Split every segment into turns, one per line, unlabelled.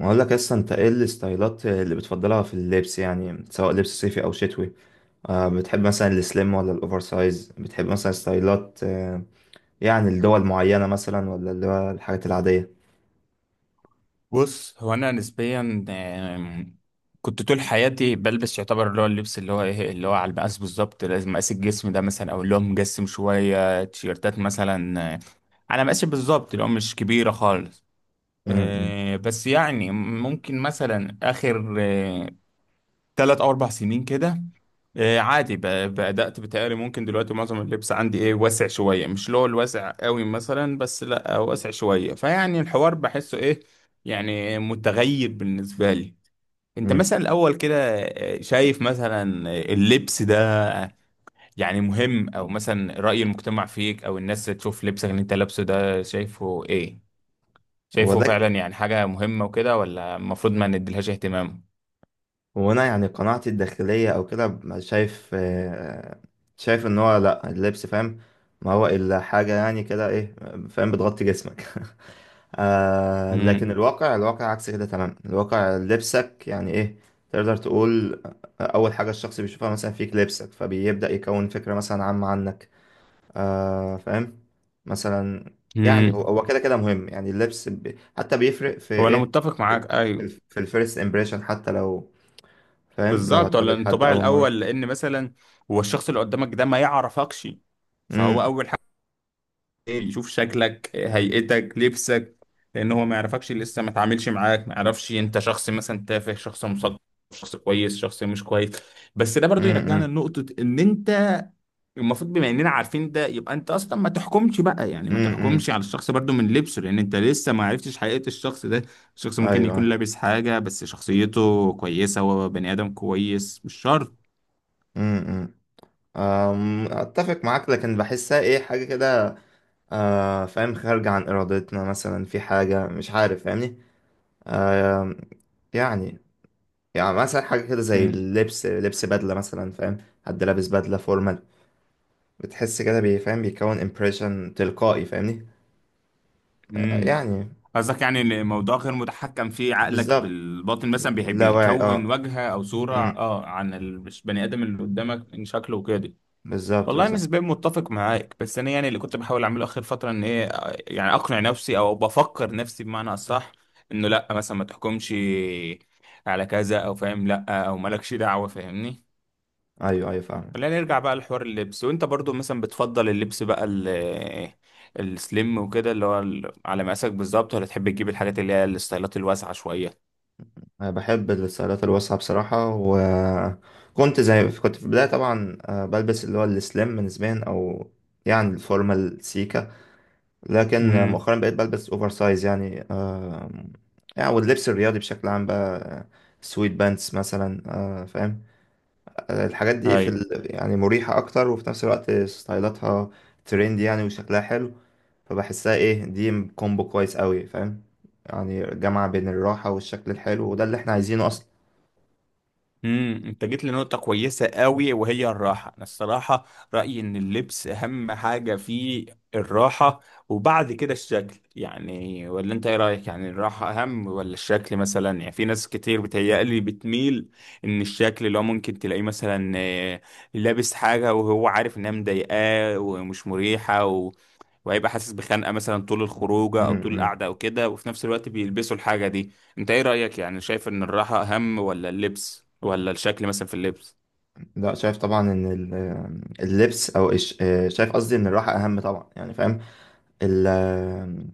اقول لك اصلا، انت ايه الستايلات اللي بتفضلها في اللبس؟ يعني سواء لبس صيفي او شتوي. بتحب مثلا السليم ولا الاوفر سايز؟ بتحب مثلا ستايلات، يعني لدول معينة مثلا، ولا اللي هو الحاجات العادية؟
بص، هو انا نسبيا آم، كنت طول حياتي بلبس يعتبر اللي هو اللبس اللي هو ايه اللي هو على المقاس بالظبط. لازم اقاس الجسم ده مثلا، او اللي هو مجسم شويه تيشيرتات مثلا على مقاسي بالظبط، اللي هو مش كبيره خالص.
امم
بس يعني ممكن مثلا اخر ثلاث او اربع سنين كده عادي بدأت بتهيألي ممكن دلوقتي معظم اللبس عندي ايه واسع شوية، مش اللي هو الواسع قوي مثلا، بس لا واسع شوية. فيعني الحوار بحسه ايه، يعني متغير بالنسبة لي. انت
امم.
مثلا الاول كده شايف مثلا اللبس ده يعني مهم، او مثلا رأي المجتمع فيك، او الناس تشوف لبسك اللي انت لابسه ده شايفه ايه؟ شايفه
وده،
فعلا يعني حاجة مهمة وكده، ولا المفروض ما نديلهاش اهتمام؟
وانا يعني قناعتي الداخلية او كده شايف، شايف ان هو لا، اللبس، فاهم، ما هو الا حاجة يعني كده ايه، فاهم، بتغطي جسمك لكن
امم.
الواقع، عكس كده تماما. الواقع لبسك يعني ايه، تقدر تقول اول حاجة الشخص بيشوفها مثلا فيك لبسك، فبيبدأ يكون فكرة مثلا عامة عنك، فاهم، مثلا. يعني هو كده كده مهم، يعني اللبس ب... حتى بيفرق في
هو انا
ايه،
متفق
في
معاك، ايوه،
في الفيرست امبريشن، حتى لو، فاهم، لو
بالظبط. ولا
هتقابل حد
الانطباع
اول مرة.
الاول؟ لان مثلا هو الشخص اللي قدامك ده ما يعرفكش، فهو
امم
اول يشوف شكلك، هيئتك، لبسك، لان هو ما يعرفكش لسه، ما تعاملش معاك، ما يعرفش انت شخص مثلا تافه، شخص مثقف، شخص كويس، شخص مش كويس. بس ده برضو يرجعنا
امم.
لنقطة ان انت المفروض، بما اننا عارفين ده، يبقى انت اصلا ما تحكمش بقى، يعني ما
امم.
تحكمش على الشخص برضو من لبسه، لان انت لسه ما عرفتش حقيقة الشخص ده. الشخص ممكن يكون
ايوه
لابس حاجة بس شخصيته كويسة، هو بني ادم كويس، مش شرط.
ايوه. اتفق معاك، لكن بحسها ايه حاجة كده، فاهم، خارجة عن إرادتنا، مثلا في حاجة، مش عارف، فاهمني؟ آه يعني، يعني مثلا حاجة كده زي اللبس، لبس بدلة مثلا، فاهم، حد لابس بدلة فورمال، بتحس كده فاهم، بيكون امبريشن تلقائي، فاهمني؟
امم.
يعني.
قصدك يعني ان الموضوع غير متحكم فيه، عقلك
بالظبط.
بالباطن مثلا بيحب
لا واعي،
يكون
اه.
وجهه او صوره
امم.
اه عن البني ادم اللي قدامك من شكله وكده.
بالظبط
والله
بالظبط.
نسبيا متفق معاك، بس انا يعني اللي كنت بحاول اعمله اخر فتره ان ايه، يعني اقنع نفسي او بفكر نفسي بمعنى اصح، انه لا مثلا ما تحكمش على كذا، او فاهم، لا، او مالكش دعوه، فاهمني.
ايوه ايوه فاهم.
خلينا نرجع بقى لحوار اللبس. وانت برضو مثلا بتفضل اللبس بقى السليم وكده اللي هو على مقاسك بالظبط، ولا تحب تجيب الحاجات اللي هي الستايلات الواسعة شوية؟
أنا بحب الستايلات الواسعة بصراحة. وكنت زي كنت في البداية طبعا، بلبس اللي هو السليم نسبيا، أو يعني الفورمال سيكا. لكن
امم
مؤخرا بقيت بلبس أوفر سايز يعني، يعني واللبس الرياضي بشكل عام بقى، سويت بانتس مثلا، فاهم. الحاجات دي في ال... يعني مريحة أكتر، وفي نفس الوقت ستايلاتها ترند يعني، وشكلها حلو. فبحسها إيه، دي كومبو كويس أوي، فاهم. يعني جامعة بين الراحة والشكل الحلو، وده اللي احنا عايزينه أصلا.
امم. انت جيت لنقطة كويسة قوي، وهي الراحة. انا الصراحة رأيي ان اللبس اهم حاجة فيه الراحة، وبعد كده الشكل، يعني. ولا انت ايه رأيك، يعني الراحة اهم ولا الشكل مثلا؟ يعني في ناس كتير بتهيألي بتميل ان الشكل اللي هو ممكن تلاقيه مثلا لابس حاجة وهو عارف انها مضايقاه ومش مريحة، وهيبقى حاسس بخنقه مثلا طول الخروجه او طول
امم.
القعده او كده، وفي نفس الوقت بيلبسوا الحاجه دي. انت ايه رايك، يعني شايف ان الراحه اهم ولا اللبس ولا الشكل مثلا في اللبس؟
لا شايف طبعا ان اللبس او شايف قصدي ان الراحه اهم طبعا، يعني فاهم. ال-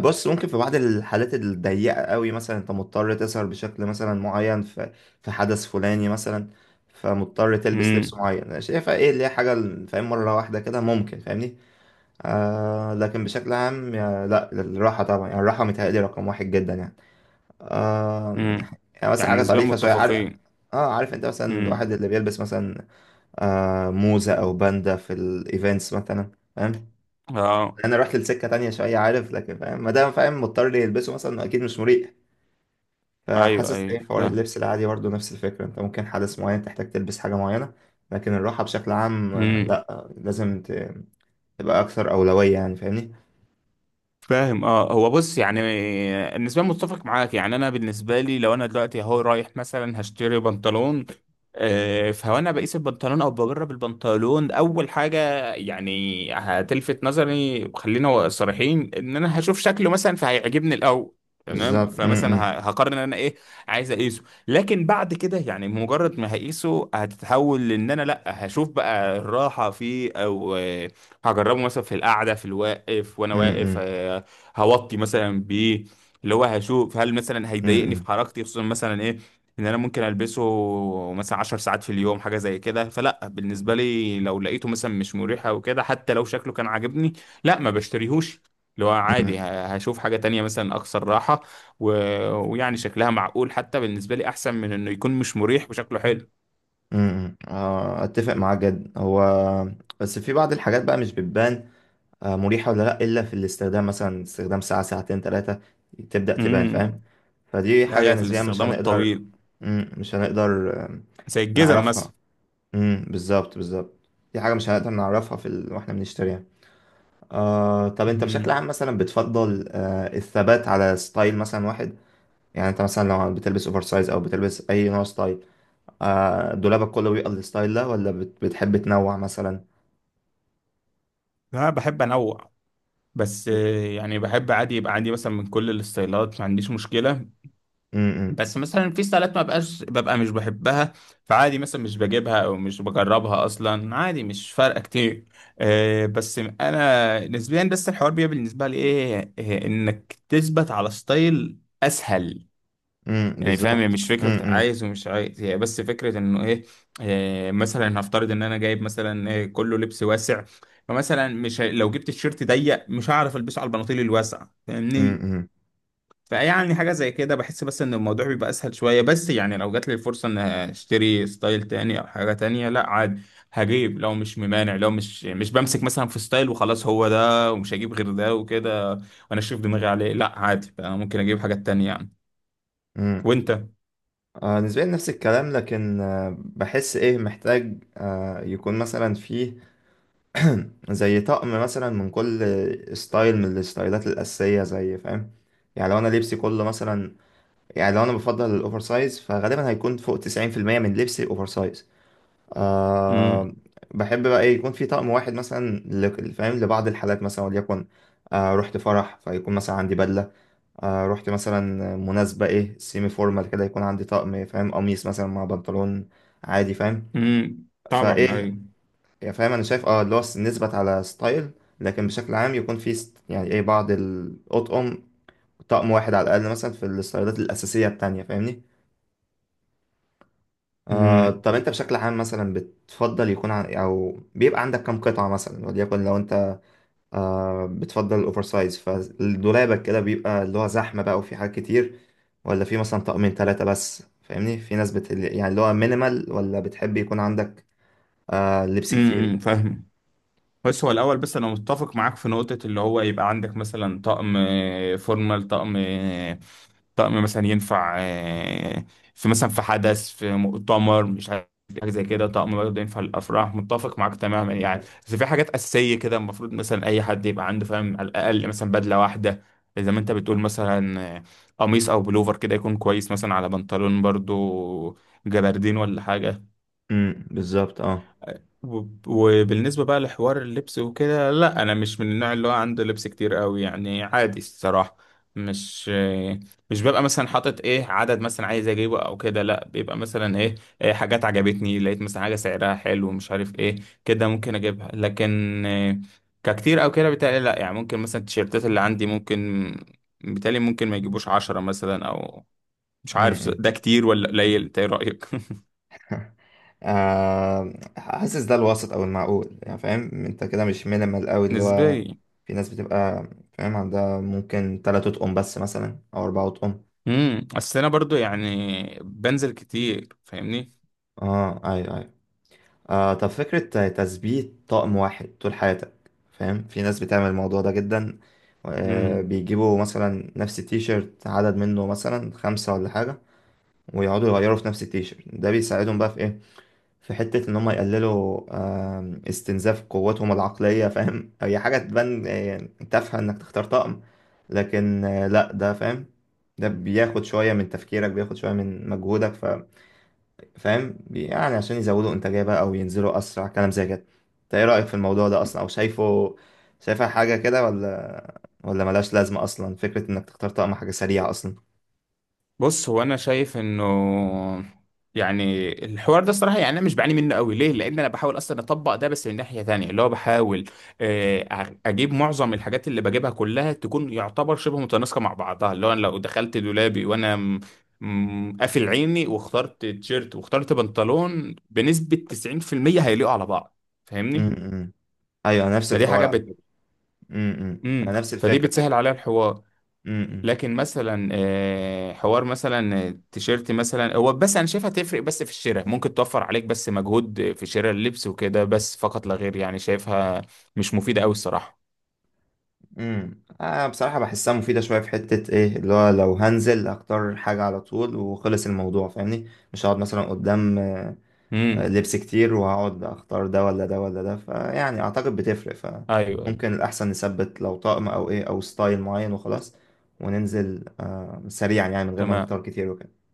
بص ممكن في بعض الحالات الضيقه قوي، مثلا انت مضطر تسهر بشكل مثلا معين في في حدث فلاني مثلا، فمضطر تلبس لبس
امم
معين، شايفها ايه اللي هي حاجه، فاهم، مره واحده كده ممكن، فاهمني؟ لكن بشكل عام، لا الراحه طبعا، يعني الراحه متهيألي رقم واحد جدا يعني، آه.
امم،
يعني مثلا
يعني
حاجه
نسبيا
طريفه شويه، عارف،
متفقين.
اه عارف، انت مثلا الواحد
امم،
اللي بيلبس مثلا موزة أو باندا في الإيفنتس مثلا، فاهم.
اه،
أنا رحت لسكة تانية شوية، عارف، لكن فاهم، ما دام فاهم مضطر لي يلبسه مثلا، أكيد مش مريح.
ايوه
فحاسس إيه حوار
ايوه
اللبس العادي برضه نفس الفكرة، أنت ممكن حدث معين تحتاج تلبس حاجة معينة، لكن الراحة بشكل عام،
فاهم.
لأ، لازم تبقى أكثر أولوية، يعني فاهمني.
فاهم اه. هو بص يعني بالنسبه لي متفق معاك. يعني انا بالنسبه لي لو انا دلوقتي اهو رايح مثلا هشتري بنطلون، فهو انا بقيس البنطلون او بجرب البنطلون اول حاجه. يعني هتلفت نظري، وخلينا صريحين، ان انا هشوف شكله مثلا فهيعجبني الاول، تمام.
بالظبط. م-
فمثلا
م-
هقرر ان انا ايه عايز اقيسه. لكن بعد كده يعني مجرد ما هقيسه هتتحول، لان انا لا هشوف بقى الراحه فيه، او هجربه مثلا في القعده، في الواقف وانا واقف،
م-
هوطي مثلا بايه. اللي هو هشوف هل مثلا
م-
هيضايقني
م-
في حركتي، خصوصا مثلا ايه ان انا ممكن البسه مثلا 10 ساعات في اليوم حاجه زي كده. فلا بالنسبه لي لو لقيته مثلا مش مريح او كده، حتى لو شكله كان عاجبني، لا، ما بشتريهوش. اللي هو
م-
عادي هشوف حاجه تانية مثلا اكثر راحه و... ويعني شكلها معقول حتى، بالنسبه لي احسن من انه يكون مش مريح وشكله حلو.
م- م- آه، أتفق معاك جدا. هو بس في بعض الحاجات بقى، مش بتبان مريحة ولا لأ، إلا في الاستخدام، مثلا استخدام ساعة، ساعتين، تلاتة تبدأ تبان، فاهم.
امم.
فدي
ده
حاجة
هي في
نسبيا مش
الاستخدام
هنقدر.
الطويل،
مش هنقدر
زي الجزم
نعرفها.
مثلا.
مم، بالظبط بالظبط. دي حاجة مش هنقدر نعرفها في ال... واحنا بنشتريها. طب انت بشكل عام
امم،
مثلا بتفضل الثبات على ستايل مثلا واحد؟ يعني انت مثلا لو بتلبس اوفر سايز، او بتلبس اي نوع ستايل، دولابك كله بيبقى الستايل ده، ولا بت... بتحب تنوع مثلا؟
انا بحب انوع، بس يعني بحب عادي يبقى عندي مثلا من كل الستايلات، ما عنديش مشكلة.
مم، مم،
بس مثلا في ستايلات ما بقاش ببقى مش بحبها، فعادي مثلا مش بجيبها او مش بجربها اصلا، عادي مش فارقة كتير. بس انا نسبيا، بس الحوار بيبقى بالنسبة لي ايه انك تثبت على ستايل اسهل.
مم،
يعني فاهم، هي
بالظبط،
مش
مم،
فكرة
مم،
عايز ومش عايز، هي بس فكرة انه ايه. مثلا هفترض ان انا جايب مثلا كله لبس واسع، فمثلا مش هي- لو جبت الشيرت ضيق مش هعرف البسه على البناطيل الواسعة
مم،
فاهمني.
مم.
فيعني حاجة زي كده بحس بس ان الموضوع بيبقى اسهل شوية. بس يعني لو جات لي الفرصة ان اشتري ستايل تاني او حاجة تانية، لا عادي هجيب، لو مش ممانع، لو مش بمسك مثلا في ستايل وخلاص هو ده ومش هجيب غير ده وكده، وانا شايف دماغي عليه، لا عادي بقى ممكن اجيب حاجات تانية يعني.
امم.
وانت؟
نسبيا نفس الكلام، لكن بحس ايه محتاج يكون مثلا فيه زي طقم مثلا من كل ستايل من الستايلات الأساسية، زي فاهم، يعني لو انا لبسي كله مثلا، يعني لو انا بفضل الاوفر سايز، فغالبا هيكون فوق 90% من لبسي اوفر سايز، آه.
مم.
بحب بقى ايه يكون في طقم واحد مثلا، فاهم لبعض الحالات مثلا، وليكن رحت فرح، فيكون مثلا عندي بدلة. رحت مثلا مناسبة ايه سيمي فورمال كده، يكون عندي طقم، فاهم، قميص مثلا مع بنطلون عادي، فاهم.
طبعا
فايه،
ايوه.
يعني فاهم، انا شايف اه اللي هو نثبت على ستايل، لكن بشكل عام يكون في يعني ايه بعض الاطقم، طقم واحد على الاقل مثلا في الستايلات الاساسية التانية، فاهمني؟
امم
طب انت بشكل عام مثلا بتفضل يكون او بيبقى عندك كم قطعة مثلا، وليكن لو انت بتفضل الاوفر سايز، فدولابك كده بيبقى اللي هو زحمه بقى وفي حاجات كتير، ولا في مثلا طقمين ثلاثه بس، فاهمني؟ في ناس بت... يعني اللي هو مينيمال، ولا بتحب يكون عندك لبس كتير؟
فاهم. بس هو الاول، بس انا متفق معاك في نقطه اللي هو يبقى عندك مثلا طقم فورمال، طقم طقم مثلا ينفع في مثلا في حدث، في مؤتمر، مش عارف حاجه زي كده، طقم برضه ينفع للافراح. متفق معاك تماما يعني. بس في حاجات اساسيه كده المفروض مثلا اي حد يبقى عنده، فاهم، على الاقل مثلا بدله واحده زي ما انت بتقول. مثلا قميص او بلوفر كده يكون كويس مثلا، على بنطلون برضه جبردين ولا حاجه.
بالظبط اه.
وبالنسبة بقى لحوار اللبس وكده، لا أنا مش من النوع اللي هو عنده لبس كتير قوي، يعني عادي الصراحة. مش مش ببقى مثلا حاطط ايه عدد مثلا عايز اجيبه او كده، لا بيبقى مثلا ايه, إيه حاجات عجبتني، لقيت مثلا حاجة سعرها حلو مش عارف ايه كده ممكن اجيبها. لكن إيه ككتير او كده بتهيألي لا، يعني ممكن مثلا التيشيرتات اللي عندي ممكن بتهيألي ممكن ما يجيبوش عشرة مثلا، او مش عارف
امم.
ده كتير ولا قليل. إنت ايه رأيك؟
حاسس ده الوسط او المعقول، يعني فاهم انت كده مش مينيمال قوي، اللي هو
نسبيا.
في ناس بتبقى، فاهم، عندها ممكن ثلاثة اطقم بس مثلا، او اربعة اطقم.
امم، اصل انا برضو يعني بنزل كتير فاهمني.
اه ايوه ايوه. طب فكرة تثبيت طقم واحد طول حياتك، فاهم في ناس بتعمل الموضوع ده جدا،
امم.
بيجيبوا مثلا نفس التيشيرت، عدد منه مثلا خمسة ولا حاجة، ويقعدوا يغيروا في نفس التيشيرت ده، بيساعدهم بقى في ايه، في حتة ان هم يقللوا استنزاف قوتهم العقلية، فاهم هي حاجة تبان تافهة، انك تختار طقم، لكن لا ده، فاهم، ده بياخد شوية من تفكيرك، بياخد شوية من مجهودك، فاهم، يعني عشان يزودوا انتاجيه بقى، او ينزلوا اسرع، كلام زي كده. انت ايه رايك في الموضوع ده اصلا، او شايفه، شايفها حاجه كده، ولا ملهاش لازمه اصلا، فكره انك تختار طقم حاجه سريعه اصلا؟
بص هو انا شايف انه يعني الحوار ده الصراحه، يعني انا مش بعاني منه قوي ليه، لان انا بحاول اصلا اطبق ده. بس من ناحيه تانية اللي هو بحاول اجيب معظم الحاجات اللي بجيبها كلها تكون يعتبر شبه متناسقه مع بعضها، اللي هو انا لو دخلت دولابي وانا قافل عيني واخترت تيشيرت واخترت بنطلون بنسبه 90% هيليقوا على بعض فاهمني.
امم ايوه. أنا نفس
فدي
الحوار
حاجه
على فكره.
بت...
امم،
امم.
انا نفس
فدي
الفكره
بتسهل
فكره
عليا الحوار.
امم.
لكن مثلا حوار مثلا تيشيرت مثلا، هو بس انا شايفها تفرق بس في الشراء، ممكن توفر عليك بس مجهود في شراء اللبس وكده بس فقط لا غير. يعني شايفها مش مفيدة قوي الصراحة.
امم، انا بصراحه بحسها مفيده شويه، في حته ايه اللي هو لو هنزل اختار حاجه على طول وخلص الموضوع، فاهمني، مش هقعد مثلا قدام
امم
لبس كتير وهقعد اختار ده ولا ده ولا ده، فيعني اعتقد بتفرق.
ايوه
فممكن الاحسن نثبت لو طقم او ايه، او ستايل معين وخلاص، وننزل سريعا، يعني من غير ما
تمام.
نختار كتير وكده.